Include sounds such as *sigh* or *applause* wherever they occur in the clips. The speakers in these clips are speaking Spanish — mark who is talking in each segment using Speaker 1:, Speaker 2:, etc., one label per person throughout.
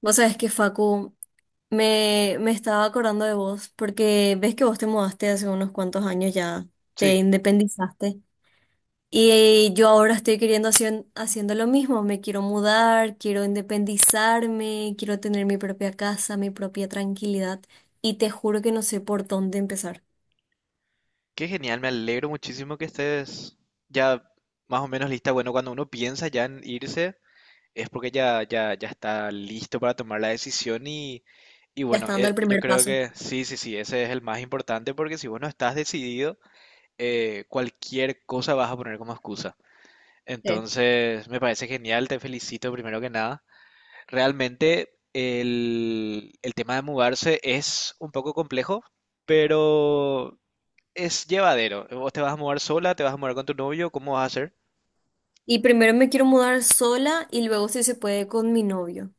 Speaker 1: Vos sabés que Facu, me estaba acordando de vos, porque ves que vos te mudaste hace unos cuantos años ya, te
Speaker 2: Sí,
Speaker 1: independizaste. Y yo ahora estoy haciendo lo mismo, me quiero mudar, quiero independizarme, quiero tener mi propia casa, mi propia tranquilidad. Y te juro que no sé por dónde empezar.
Speaker 2: qué genial, me alegro muchísimo que estés ya más o menos lista. Bueno, cuando uno piensa ya en irse, es porque ya, ya, ya está listo para tomar la decisión y
Speaker 1: Ya
Speaker 2: bueno,
Speaker 1: está dando el
Speaker 2: yo
Speaker 1: primer
Speaker 2: creo
Speaker 1: paso.
Speaker 2: que sí, sí, sí, ese es el más importante porque si vos no estás decidido, cualquier cosa vas a poner como excusa.
Speaker 1: Sí.
Speaker 2: Entonces, me parece genial, te felicito primero que nada. Realmente el tema de mudarse es un poco complejo, pero es llevadero. Vos te vas a mudar sola, te vas a mudar con tu novio, ¿cómo vas a hacer?
Speaker 1: Y primero me quiero mudar sola y luego si se puede con mi novio.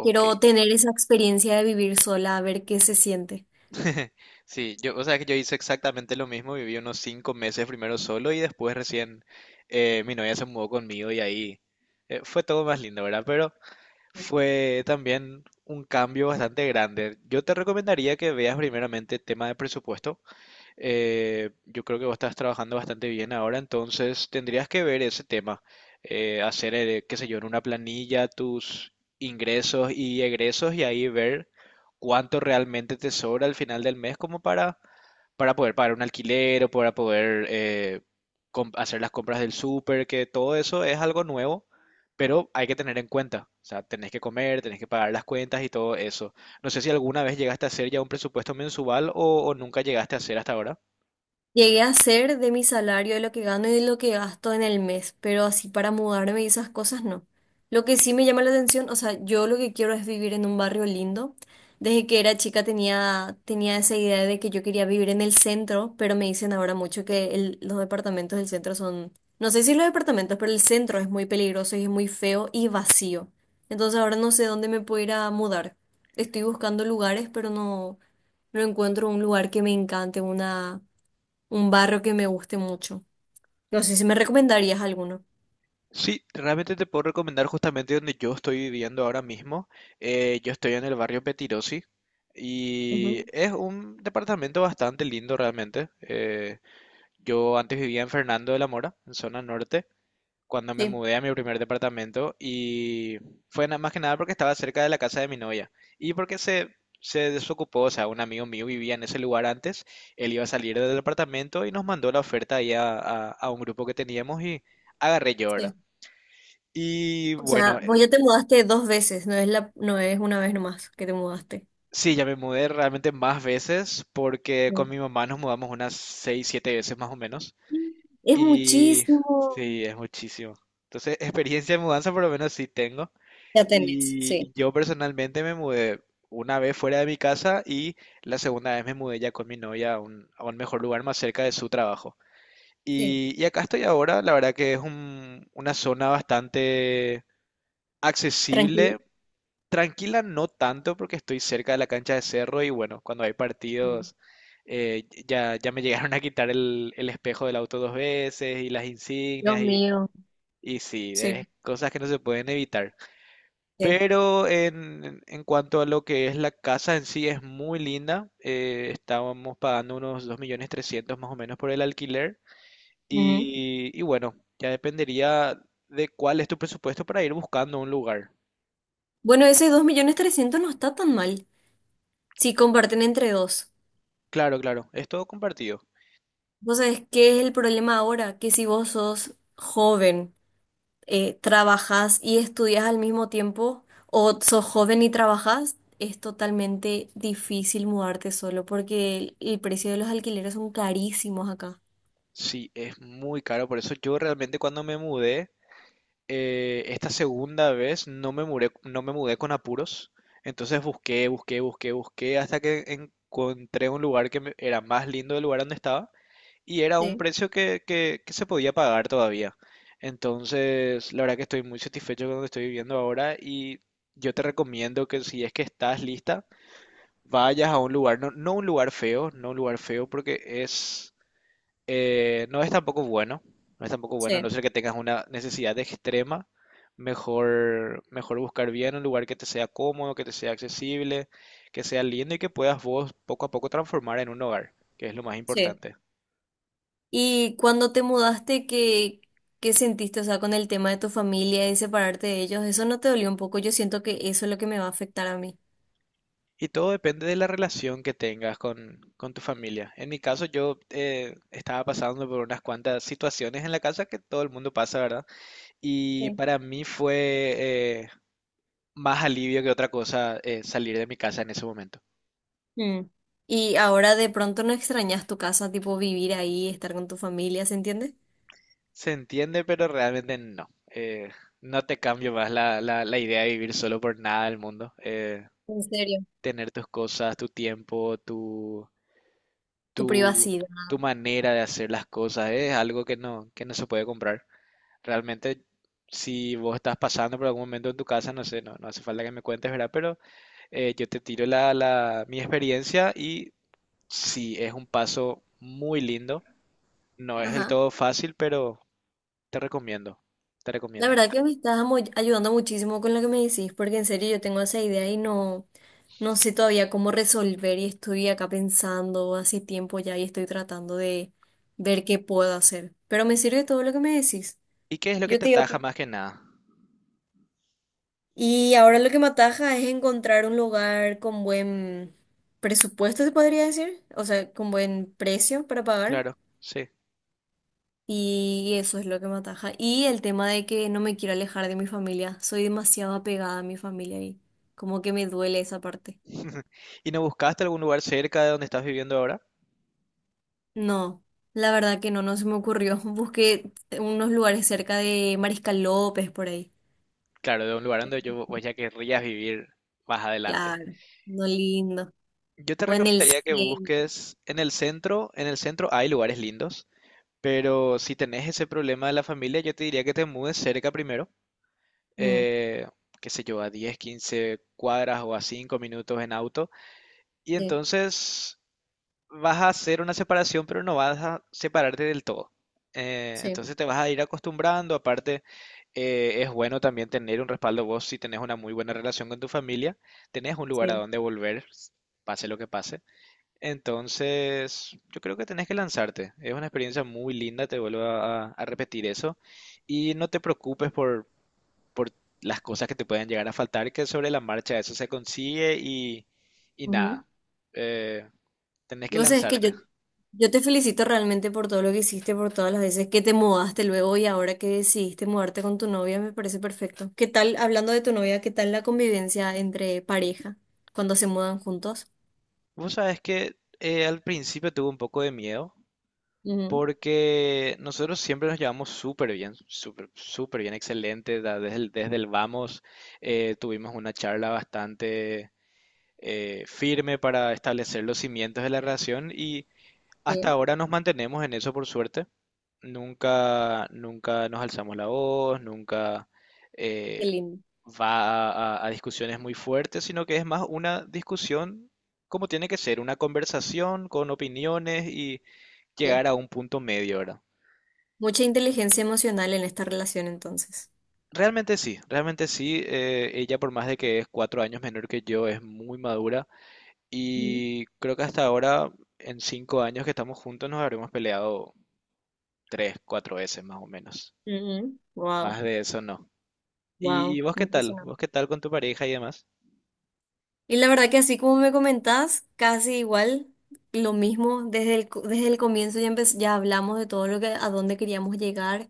Speaker 1: Quiero tener esa experiencia de vivir sola, a ver qué se siente.
Speaker 2: *laughs* Sí, o sea que yo hice exactamente lo mismo, viví unos 5 meses primero solo y después recién mi novia se mudó conmigo y ahí fue todo más lindo, ¿verdad? Pero fue también un cambio bastante grande. Yo te recomendaría que veas primeramente tema de presupuesto. Yo creo que vos estás trabajando bastante bien ahora, entonces tendrías que ver ese tema, hacer, qué sé yo, en una planilla tus ingresos y egresos y ahí ver cuánto realmente te sobra al final del mes como para poder pagar un alquiler o para poder hacer las compras del súper, que todo eso es algo nuevo, pero hay que tener en cuenta, o sea, tenés que comer, tenés que pagar las cuentas y todo eso. No sé si alguna vez llegaste a hacer ya un presupuesto mensual o nunca llegaste a hacer hasta ahora.
Speaker 1: Llegué a hacer de mi salario, de lo que gano y de lo que gasto en el mes, pero así para mudarme y esas cosas no. Lo que sí me llama la atención, o sea, yo lo que quiero es vivir en un barrio lindo. Desde que era chica tenía esa idea de que yo quería vivir en el centro, pero me dicen ahora mucho que los departamentos del centro son, no sé si los departamentos, pero el centro es muy peligroso y es muy feo y vacío. Entonces ahora no sé dónde me puedo ir a mudar. Estoy buscando lugares, no encuentro un lugar que me encante, una... Un barro que me guste mucho. No sé si me recomendarías alguno.
Speaker 2: Sí, realmente te puedo recomendar justamente donde yo estoy viviendo ahora mismo. Yo estoy en el barrio Petirosi y
Speaker 1: Ujú.
Speaker 2: es un departamento bastante lindo realmente. Yo antes vivía en Fernando de la Mora, en zona norte, cuando me
Speaker 1: Sí,
Speaker 2: mudé a mi primer departamento y fue nada más que nada porque estaba cerca de la casa de mi novia y porque se desocupó, o sea, un amigo mío vivía en ese lugar antes, él iba a salir del departamento y nos mandó la oferta ahí a un grupo que teníamos y agarré yo, ¿verdad?
Speaker 1: sí.
Speaker 2: Y
Speaker 1: O
Speaker 2: bueno,
Speaker 1: sea, vos ya te mudaste dos veces, no es una vez nomás que te mudaste.
Speaker 2: sí, ya me mudé realmente más veces porque con
Speaker 1: Sí.
Speaker 2: mi mamá nos mudamos unas 6 7 veces más o menos.
Speaker 1: Es
Speaker 2: Y
Speaker 1: muchísimo.
Speaker 2: sí, es muchísimo. Entonces, experiencia de mudanza por lo menos sí tengo.
Speaker 1: Ya tenés,
Speaker 2: Y
Speaker 1: sí,
Speaker 2: yo personalmente me mudé una vez fuera de mi casa y la segunda vez me mudé ya con mi novia a un mejor lugar más cerca de su trabajo.
Speaker 1: sí.
Speaker 2: Y acá estoy ahora, la verdad que es una zona bastante
Speaker 1: Tranquilo.
Speaker 2: accesible. Tranquila no tanto porque estoy cerca de la cancha de Cerro y bueno, cuando hay
Speaker 1: Mm.
Speaker 2: partidos ya me *laughs* llegaron a quitar el espejo del auto dos veces y las
Speaker 1: Dios
Speaker 2: insignias
Speaker 1: mío.
Speaker 2: y sí,
Speaker 1: Sí.
Speaker 2: es cosas que no se pueden evitar.
Speaker 1: Sí.
Speaker 2: Pero en cuanto a lo que es la casa en sí es muy linda, estábamos pagando unos 2.300.000 más o menos por el alquiler
Speaker 1: Ujú.
Speaker 2: y bueno, ya dependería de cuál es tu presupuesto para ir buscando un lugar.
Speaker 1: Bueno, ese 2.300.000 no está tan mal si comparten entre dos.
Speaker 2: Claro, claro, es todo compartido.
Speaker 1: ¿Vos sabés qué es el problema ahora? Que si vos sos joven trabajas y estudias al mismo tiempo o sos joven y trabajas, es totalmente difícil mudarte solo porque el precio de los alquileres son carísimos acá.
Speaker 2: Sí, es muy caro, por eso yo realmente cuando me mudé, esta segunda vez no me mudé con apuros, entonces busqué, busqué, busqué, busqué hasta que encontré un lugar que me- era más lindo del lugar donde estaba y era un
Speaker 1: Sí,
Speaker 2: precio que se podía pagar todavía. Entonces, la verdad que estoy muy satisfecho con donde estoy viviendo ahora y yo te recomiendo que si es que estás lista, vayas a un lugar, no, no un lugar feo, no un lugar feo porque es no es tampoco bueno, no es tampoco bueno, a
Speaker 1: sí,
Speaker 2: no ser que tengas una necesidad extrema, mejor, mejor buscar bien un lugar que te sea cómodo, que te sea accesible, que sea lindo y que puedas vos poco a poco transformar en un hogar, que es lo más
Speaker 1: sí.
Speaker 2: importante.
Speaker 1: Y cuando te mudaste, ¿qué, qué sentiste? O sea, con el tema de tu familia y separarte de ellos, ¿eso no te dolió un poco? Yo siento que eso es lo que me va a afectar a mí.
Speaker 2: Y todo depende de la relación que tengas con tu familia. En mi caso, yo estaba pasando por unas cuantas situaciones en la casa que todo el mundo pasa, ¿verdad? Y
Speaker 1: Sí.
Speaker 2: para mí fue eh, más alivio que otra cosa salir de mi casa en ese momento.
Speaker 1: Mm. Y ahora de pronto no extrañas tu casa, tipo vivir ahí, estar con tu familia, ¿se entiende?
Speaker 2: Se entiende, pero realmente no. No te cambio más la idea de vivir solo por nada del mundo. Eh,
Speaker 1: En serio.
Speaker 2: tener tus cosas, tu tiempo,
Speaker 1: Tu
Speaker 2: tu,
Speaker 1: privacidad.
Speaker 2: tu manera de hacer las cosas es algo que no se puede comprar. Realmente, si vos estás pasando por algún momento en tu casa, no sé, no, no hace falta que me cuentes, ¿verdad? Pero yo te tiro mi experiencia y sí, es un paso muy lindo. No es del
Speaker 1: Ajá.
Speaker 2: todo fácil, pero te recomiendo, te
Speaker 1: La
Speaker 2: recomiendo.
Speaker 1: verdad que me estás ayudando muchísimo con lo que me decís, porque en serio yo tengo esa idea y no sé todavía cómo resolver y estoy acá pensando hace tiempo ya y estoy tratando de ver qué puedo hacer. Pero me sirve todo lo que me decís.
Speaker 2: ¿Y qué es lo que
Speaker 1: Yo
Speaker 2: te
Speaker 1: te iba a
Speaker 2: ataja
Speaker 1: pre-
Speaker 2: más que nada?
Speaker 1: Y ahora lo que me ataja es encontrar un lugar con buen presupuesto, se podría decir, o sea, con buen precio para pagar.
Speaker 2: Claro, sí.
Speaker 1: Y eso es lo que me ataja. Y el tema de que no me quiero alejar de mi familia. Soy demasiado apegada a mi familia y como que me duele esa parte.
Speaker 2: ¿Y no buscaste algún lugar cerca de donde estás viviendo ahora?
Speaker 1: No, la verdad que no, no se me ocurrió. *laughs* Busqué unos lugares cerca de Mariscal López por ahí.
Speaker 2: Claro, de un lugar donde yo vos ya querrías vivir más adelante.
Speaker 1: Claro, no lindo.
Speaker 2: Yo te
Speaker 1: O en el
Speaker 2: recomendaría que
Speaker 1: 100.
Speaker 2: busques en el centro hay lugares lindos, pero si tenés ese problema de la familia, yo te diría que te mudes cerca primero,
Speaker 1: Mm,
Speaker 2: eh, qué sé yo, a 10, 15 cuadras o a 5 minutos en auto, y
Speaker 1: sí,
Speaker 2: entonces vas a hacer una separación, pero no vas a separarte del todo. Eh,
Speaker 1: sí,
Speaker 2: entonces te vas a ir acostumbrando, aparte es bueno también tener un respaldo vos si tenés una muy buena relación con tu familia, tenés un lugar a
Speaker 1: sí.
Speaker 2: donde volver, pase lo que pase. Entonces yo creo que tenés que lanzarte, es una experiencia muy linda, te vuelvo a repetir eso, y no te preocupes por las cosas que te pueden llegar a faltar, que sobre la marcha eso se consigue y nada, eh, tenés que
Speaker 1: Vos sabés que yo,
Speaker 2: lanzarte.
Speaker 1: yo te felicito realmente por todo lo que hiciste, por todas las veces que te mudaste luego y ahora que decidiste mudarte con tu novia, me parece perfecto. ¿Qué tal, hablando de tu novia, qué tal la convivencia entre pareja cuando se mudan juntos?
Speaker 2: Vos sabés que al principio tuve un poco de miedo
Speaker 1: Ujú.
Speaker 2: porque nosotros siempre nos llevamos súper bien, súper, súper bien, excelente. Desde el vamos tuvimos una charla bastante firme para establecer los cimientos de la relación y hasta
Speaker 1: Sí,
Speaker 2: ahora nos mantenemos en eso por suerte. Nunca, nunca nos alzamos la voz, nunca
Speaker 1: qué
Speaker 2: eh,
Speaker 1: lindo.
Speaker 2: va a discusiones muy fuertes, sino que es más una discusión como tiene que ser, una conversación con opiniones y
Speaker 1: Sí.
Speaker 2: llegar a un punto medio, ¿verdad?
Speaker 1: Mucha inteligencia emocional en esta relación entonces.
Speaker 2: Realmente sí, realmente sí. Ella, por más de que es 4 años menor que yo, es muy madura y creo que hasta ahora, en 5 años que estamos juntos, nos habremos peleado tres, cuatro veces más o menos.
Speaker 1: Wow,
Speaker 2: Más de eso no.
Speaker 1: wow,
Speaker 2: Y vos qué tal? ¿Vos qué
Speaker 1: impresionante.
Speaker 2: tal con tu pareja y demás?
Speaker 1: Y la verdad que así como me comentás, casi igual, lo mismo, desde el comienzo ya, ya hablamos de todo lo que, a dónde queríamos llegar,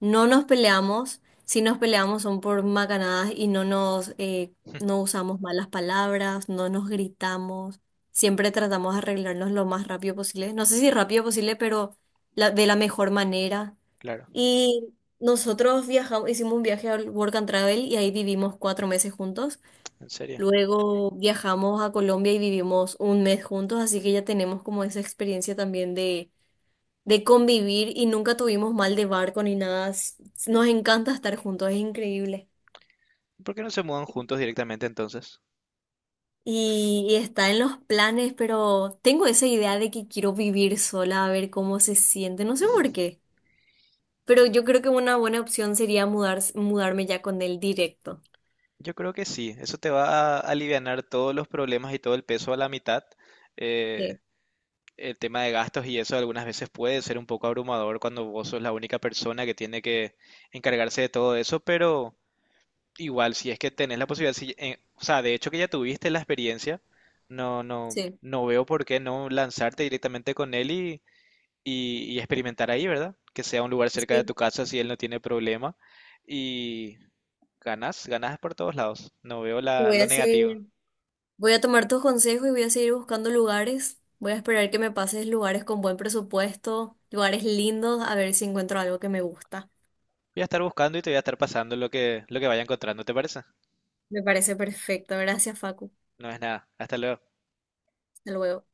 Speaker 1: no nos peleamos, si nos peleamos son por macanadas y no
Speaker 2: *laughs*
Speaker 1: usamos malas palabras, no nos gritamos, siempre tratamos de arreglarnos lo más rápido posible, no sé si rápido posible, pero de la mejor manera.
Speaker 2: Claro,
Speaker 1: Y nosotros viajamos, hicimos un viaje al Work and Travel y ahí vivimos 4 meses juntos.
Speaker 2: en serio.
Speaker 1: Luego viajamos a Colombia y vivimos 1 mes juntos, así que ya tenemos como esa experiencia también de convivir y nunca tuvimos mal de barco ni nada. S- Nos encanta estar juntos, es increíble.
Speaker 2: ¿Por qué no se mudan juntos directamente entonces?
Speaker 1: Y está en los planes, pero tengo esa idea de que quiero vivir sola, a ver cómo se siente, no sé por qué, pero yo creo que una buena opción sería mudarme ya con él directo.
Speaker 2: Yo creo que sí, eso te va a alivianar todos los problemas y todo el peso a la mitad. Eh,
Speaker 1: Sí,
Speaker 2: el tema de gastos y eso algunas veces puede ser un poco abrumador cuando vos sos la única persona que tiene que encargarse de todo eso, pero igual si es que tenés la posibilidad, si, o sea, de hecho que ya tuviste la experiencia, no, no,
Speaker 1: sí.
Speaker 2: no veo por qué no lanzarte directamente con él y, y experimentar ahí, ¿verdad? Que sea un lugar cerca de
Speaker 1: Sí,
Speaker 2: tu casa si él no tiene problema. Ganas, ganas por todos lados. No veo la,
Speaker 1: voy a
Speaker 2: lo
Speaker 1: hacer.
Speaker 2: negativo.
Speaker 1: Voy a tomar tus consejos y voy a seguir buscando lugares. Voy a esperar que me pases lugares con buen presupuesto, lugares lindos, a ver si encuentro algo que me gusta.
Speaker 2: Voy a estar buscando y te voy a estar pasando lo que vaya encontrando, ¿te parece?
Speaker 1: Me parece perfecto. Gracias, Facu.
Speaker 2: No es nada. Hasta luego.
Speaker 1: Hasta luego.